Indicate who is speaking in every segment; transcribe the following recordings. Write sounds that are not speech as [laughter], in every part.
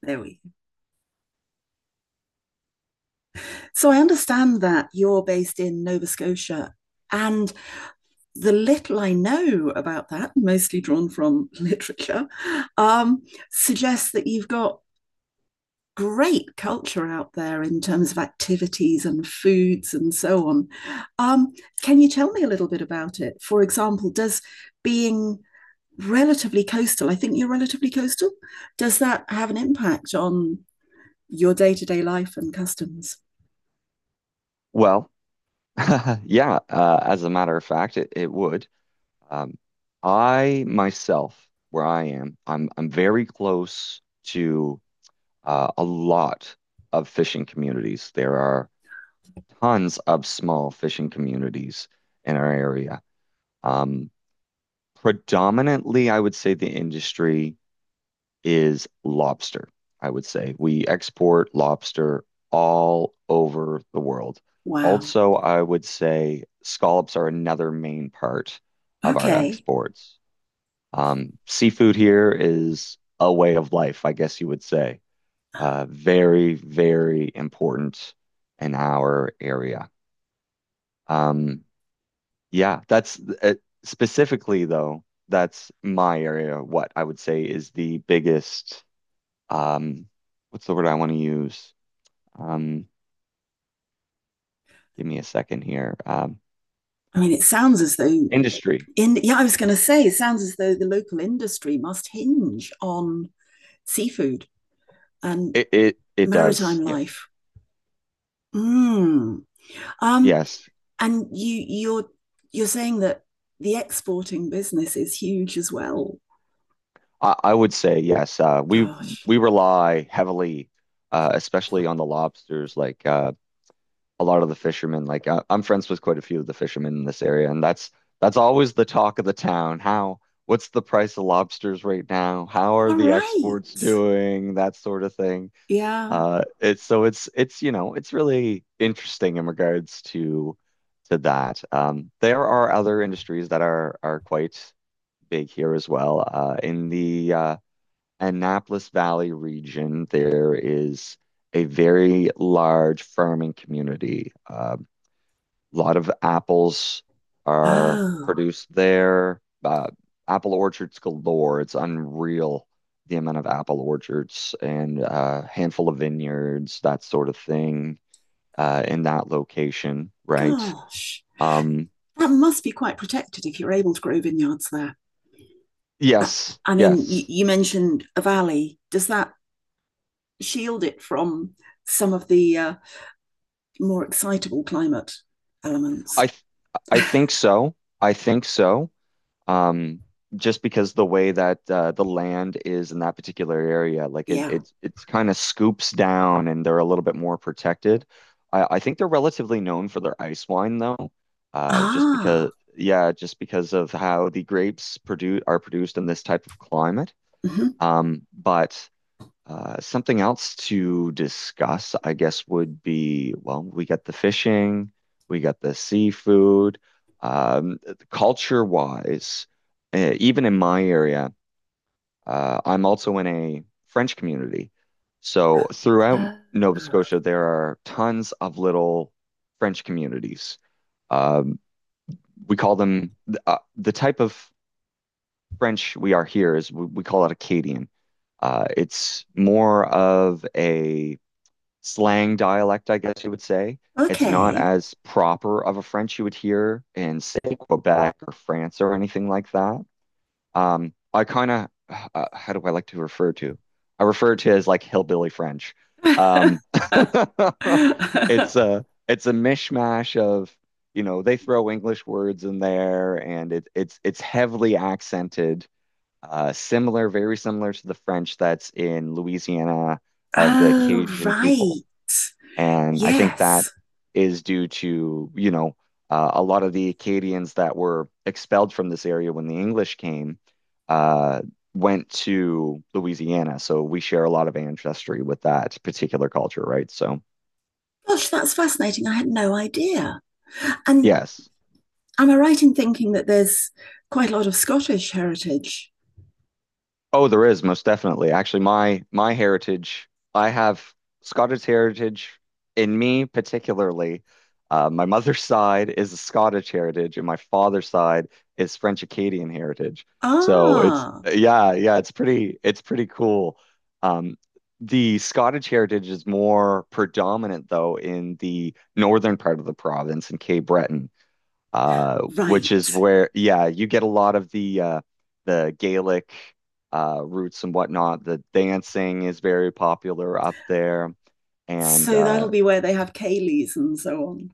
Speaker 1: There we go. So I understand that you're based in Nova Scotia. And the little I know about that, mostly drawn from [laughs] literature, um, suggests that you've got great culture out there in terms of activities and foods and so on. Um, can you tell me a little bit about it? For example, does being relatively coastal, I think you're relatively coastal, does that have an impact on your day to day life and customs?
Speaker 2: Well, [laughs] yeah, as a matter of fact, it would. Um, I myself, where I am, I'm very close to a lot of fishing communities. There are tons of small fishing communities in our area. Um, predominantly, I would say the industry is lobster, I would say. We export lobster all over the world.
Speaker 1: Wow.
Speaker 2: Also, I would say scallops are another main part of our
Speaker 1: Okay.
Speaker 2: exports. Seafood here is a way of life, I guess you would say. Very, very important in our area. Um, yeah, that's specifically though, that's my area. What I would say is the biggest um, what's the word I want to use? Um, Give me a second here.
Speaker 1: I mean, it sounds as though
Speaker 2: Industry.
Speaker 1: in Yeah, I was going to say, it sounds as though the local industry must hinge on seafood and
Speaker 2: It does.
Speaker 1: maritime
Speaker 2: Yes.
Speaker 1: life. Mm. Um,
Speaker 2: Yes.
Speaker 1: and you're you're saying that the exporting business is huge as well.
Speaker 2: I would say yes. Uh, we
Speaker 1: Gosh.
Speaker 2: we rely heavily, especially on the lobsters. Like a lot of the fishermen. Like I'm friends with quite a few of the fishermen in this area, and that's always the talk of the town. How what's the price of lobsters right now? How are
Speaker 1: All
Speaker 2: the
Speaker 1: right.
Speaker 2: exports doing? That sort of thing.
Speaker 1: Yeah.
Speaker 2: It's so it's you know it's really interesting in regards to that. There are other industries that are quite big here as well. In the Annapolis Valley region, there is a very large farming community. A lot of apples are
Speaker 1: Oh,
Speaker 2: produced there. Apple orchards galore. It's unreal the amount of apple orchards and a handful of vineyards, that sort of thing, in that location, right?
Speaker 1: gosh.
Speaker 2: Um,
Speaker 1: That must be quite protected if you're able to grow vineyards there.
Speaker 2: yes,
Speaker 1: I mean, you,
Speaker 2: yes.
Speaker 1: you mentioned a valley. Does that shield it from some of the more excitable climate elements.
Speaker 2: I th I think so. I think so. um, just because the way that the land is in that particular area, like it
Speaker 1: Yeah.
Speaker 2: it's it's kind of scoops down and they're a little bit more protected. I think they're relatively known for their ice wine though, just
Speaker 1: Ah.
Speaker 2: because yeah, just because of how the grapes produce are produced in this type of climate.
Speaker 1: Mhm.
Speaker 2: But something else to discuss, I guess, would be, well, we got the fishing, we got the seafood. Um, culture-wise, even in my area, I'm also in a French community. So throughout
Speaker 1: Uh,
Speaker 2: Nova Scotia, there are tons of little French communities. Um, we call them the type of French we are here is we call it Acadian. It's more of a slang dialect, I guess you would say. It's not
Speaker 1: okay.
Speaker 2: as proper of a French you would hear in, say, Quebec or France or anything like that. I kind of, how do I like to refer to? I refer to it as like hillbilly French.
Speaker 1: [laughs] Oh,
Speaker 2: Um, [laughs] it's a mishmash of, you know, they throw English words in there, and it's heavily accented, very similar to the French that's in Louisiana of the Cajun people.
Speaker 1: right.
Speaker 2: And I think that
Speaker 1: Yes.
Speaker 2: is due to, you know, a lot of the Acadians that were expelled from this area when the English came uh, went to Louisiana. So we share a lot of ancestry with that particular culture, right? So,
Speaker 1: Gosh, that's fascinating. I had no idea. And
Speaker 2: yes.
Speaker 1: am I right in thinking that there's quite a lot of Scottish heritage?
Speaker 2: Oh, there is most definitely. Actually, my heritage, I have Scottish heritage in me particularly. My mother's [laughs] side is a Scottish heritage, and my father's side is French Acadian heritage. So it's
Speaker 1: Ah,
Speaker 2: yeah, yeah, it's pretty cool. Um, the Scottish heritage is more predominant though in the northern part of the province in Cape Breton uh, which is
Speaker 1: right.
Speaker 2: where, yeah, you get a lot of the Gaelic roots and whatnot. The dancing is very popular up there, and
Speaker 1: So that'll be where they have Cayleys and so on.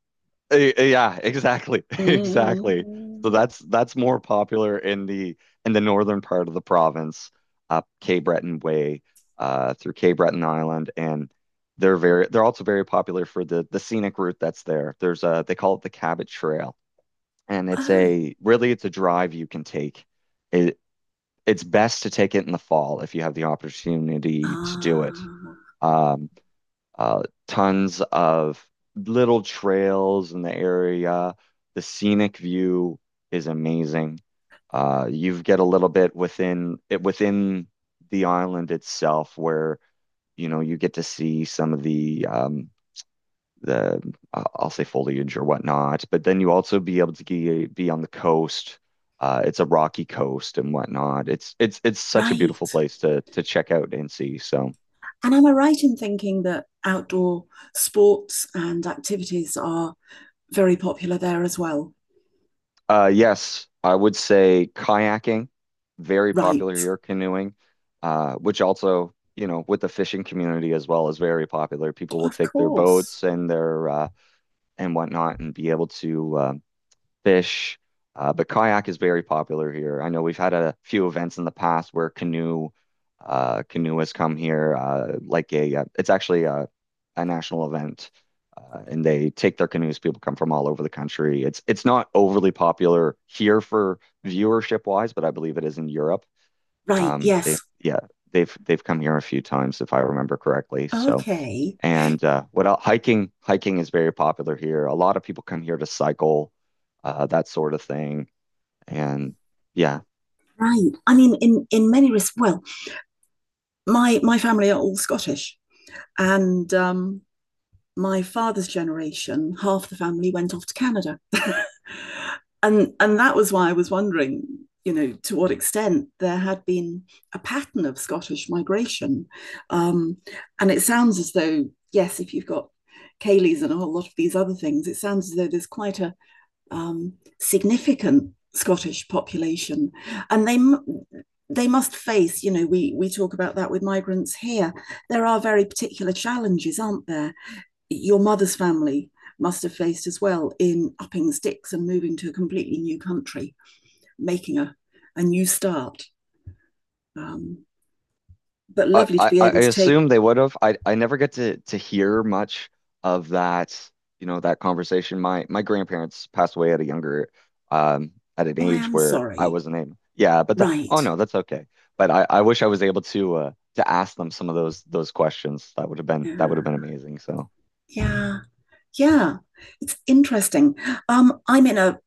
Speaker 2: yeah, exactly, [laughs] exactly. So
Speaker 1: Mm.
Speaker 2: that's more popular in the northern part of the province, up Cape Breton Way, through Cape Breton Island, and they're also very popular for the scenic route that's there. There's a they call it the Cabot Trail and
Speaker 1: Oh,
Speaker 2: it's a drive you can take. It it's best to take it in the fall if you have the opportunity to do it.
Speaker 1: ah,
Speaker 2: Um, tons of little trails in the area. The scenic view is amazing. You get a little bit within the island itself where you know you get to see some of the the I'll say foliage or whatnot. But then you also be able to be on the coast. It's a rocky coast and whatnot. It's such a beautiful
Speaker 1: right.
Speaker 2: place to check out and see. So
Speaker 1: And am I right in thinking that outdoor sports and activities are very popular there as well?
Speaker 2: yes, I would say kayaking, very
Speaker 1: Right.
Speaker 2: popular here. Canoeing, which also you know with the fishing community as well is very popular. People will
Speaker 1: Of
Speaker 2: take their
Speaker 1: course.
Speaker 2: boats and their and whatnot and be able to fish. But kayak is very popular here. I know we've had a few events in the past where canoe has come here. Like a, it's actually a national event, and they take their canoes. People come from all over the country. It's not overly popular here for viewership wise, but I believe it is in Europe.
Speaker 1: Right.
Speaker 2: They
Speaker 1: Yes.
Speaker 2: yeah they've come here a few times if I remember correctly. So
Speaker 1: Okay.
Speaker 2: and what else? Hiking, hiking is very popular here. A lot of people come here to cycle, that sort of thing. And yeah,
Speaker 1: Right. I mean, in many respects. Well, my family are all Scottish, and my father's generation, half the family went off to Canada. [laughs] And that was why I was wondering, you know, to what extent there had been a pattern of Scottish migration. Um, and it sounds as though, yes, if you've got Cayleys and a whole lot of these other things, it sounds as though there's quite a um, significant Scottish population, and they must face. You know, we talk about that with migrants here. There are very particular challenges, aren't there? Your mother's family must have faced as well in upping sticks and moving to a completely new country, making a new start. Um, but
Speaker 2: I,
Speaker 1: lovely to
Speaker 2: I,
Speaker 1: be
Speaker 2: I
Speaker 1: able to take,
Speaker 2: assume they would have. I never get to hear much of that, you know, that conversation. My grandparents passed away at a younger, um, at an
Speaker 1: oh, I
Speaker 2: age
Speaker 1: am
Speaker 2: where I
Speaker 1: sorry.
Speaker 2: wasn't able. Yeah, but oh
Speaker 1: Right.
Speaker 2: no, that's okay. But I wish I was able to ask them some of those questions. That would have been
Speaker 1: Yeah.
Speaker 2: amazing. So
Speaker 1: Yeah. Yeah. It's interesting. I'm in a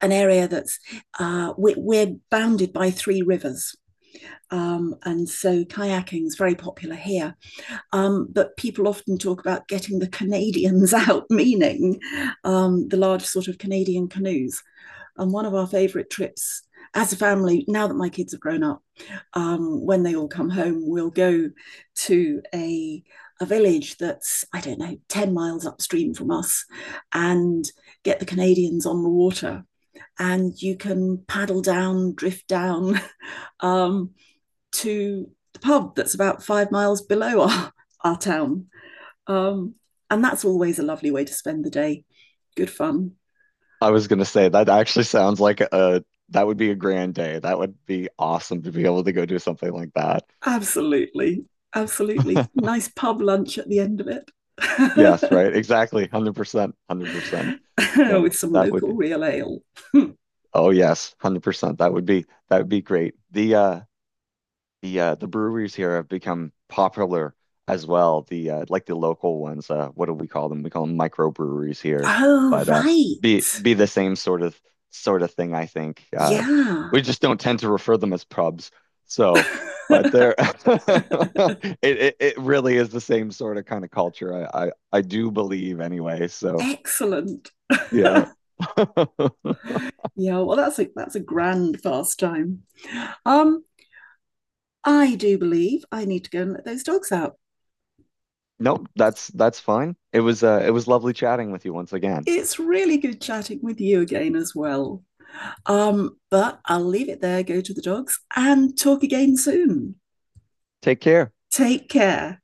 Speaker 1: an area that's we're bounded by three rivers. And so kayaking is very popular here. But people often talk about getting the Canadians [laughs] out, meaning the large sort of Canadian canoes. And one of our favourite trips as a family, now that my kids have grown up, when they all come home, we'll go to a village that's I don't know 10 miles upstream from us, and get the Canadians on the water, and you can paddle down, drift down [laughs] um, to the pub that's about 5 miles below our town. Um, and that's always a lovely way to spend the day. Good fun.
Speaker 2: I was gonna say that actually sounds like a that would be a grand day. That would be awesome to be able to go do something like that.
Speaker 1: Absolutely. Absolutely.
Speaker 2: [laughs]
Speaker 1: Nice pub lunch at the end of it
Speaker 2: Yes, right. Exactly. 100%. 100%.
Speaker 1: [laughs] with
Speaker 2: No,
Speaker 1: some
Speaker 2: that
Speaker 1: local
Speaker 2: would
Speaker 1: real ale. [laughs]
Speaker 2: Oh yes, 100%. That would be great. The the breweries here have become popular as well. The Like the local ones. What do we call them? We call them microbreweries here,
Speaker 1: Oh,
Speaker 2: but
Speaker 1: right.
Speaker 2: be the same sort of thing. I think
Speaker 1: Yeah.
Speaker 2: we just don't tend to refer them as pubs. So, but they're [laughs]
Speaker 1: [laughs]
Speaker 2: it it really is the same sort of kind of culture. I do believe anyway. So
Speaker 1: Excellent. [laughs]
Speaker 2: yeah. [laughs]
Speaker 1: Yeah, well, that's a grand pastime. Um, I do believe I need to go and let those dogs out.
Speaker 2: Nope, that's fine. It was lovely chatting with you once again.
Speaker 1: It's really good chatting with you again as well. But I'll leave it there, go to the dogs, and talk again soon.
Speaker 2: Take care.
Speaker 1: Take care.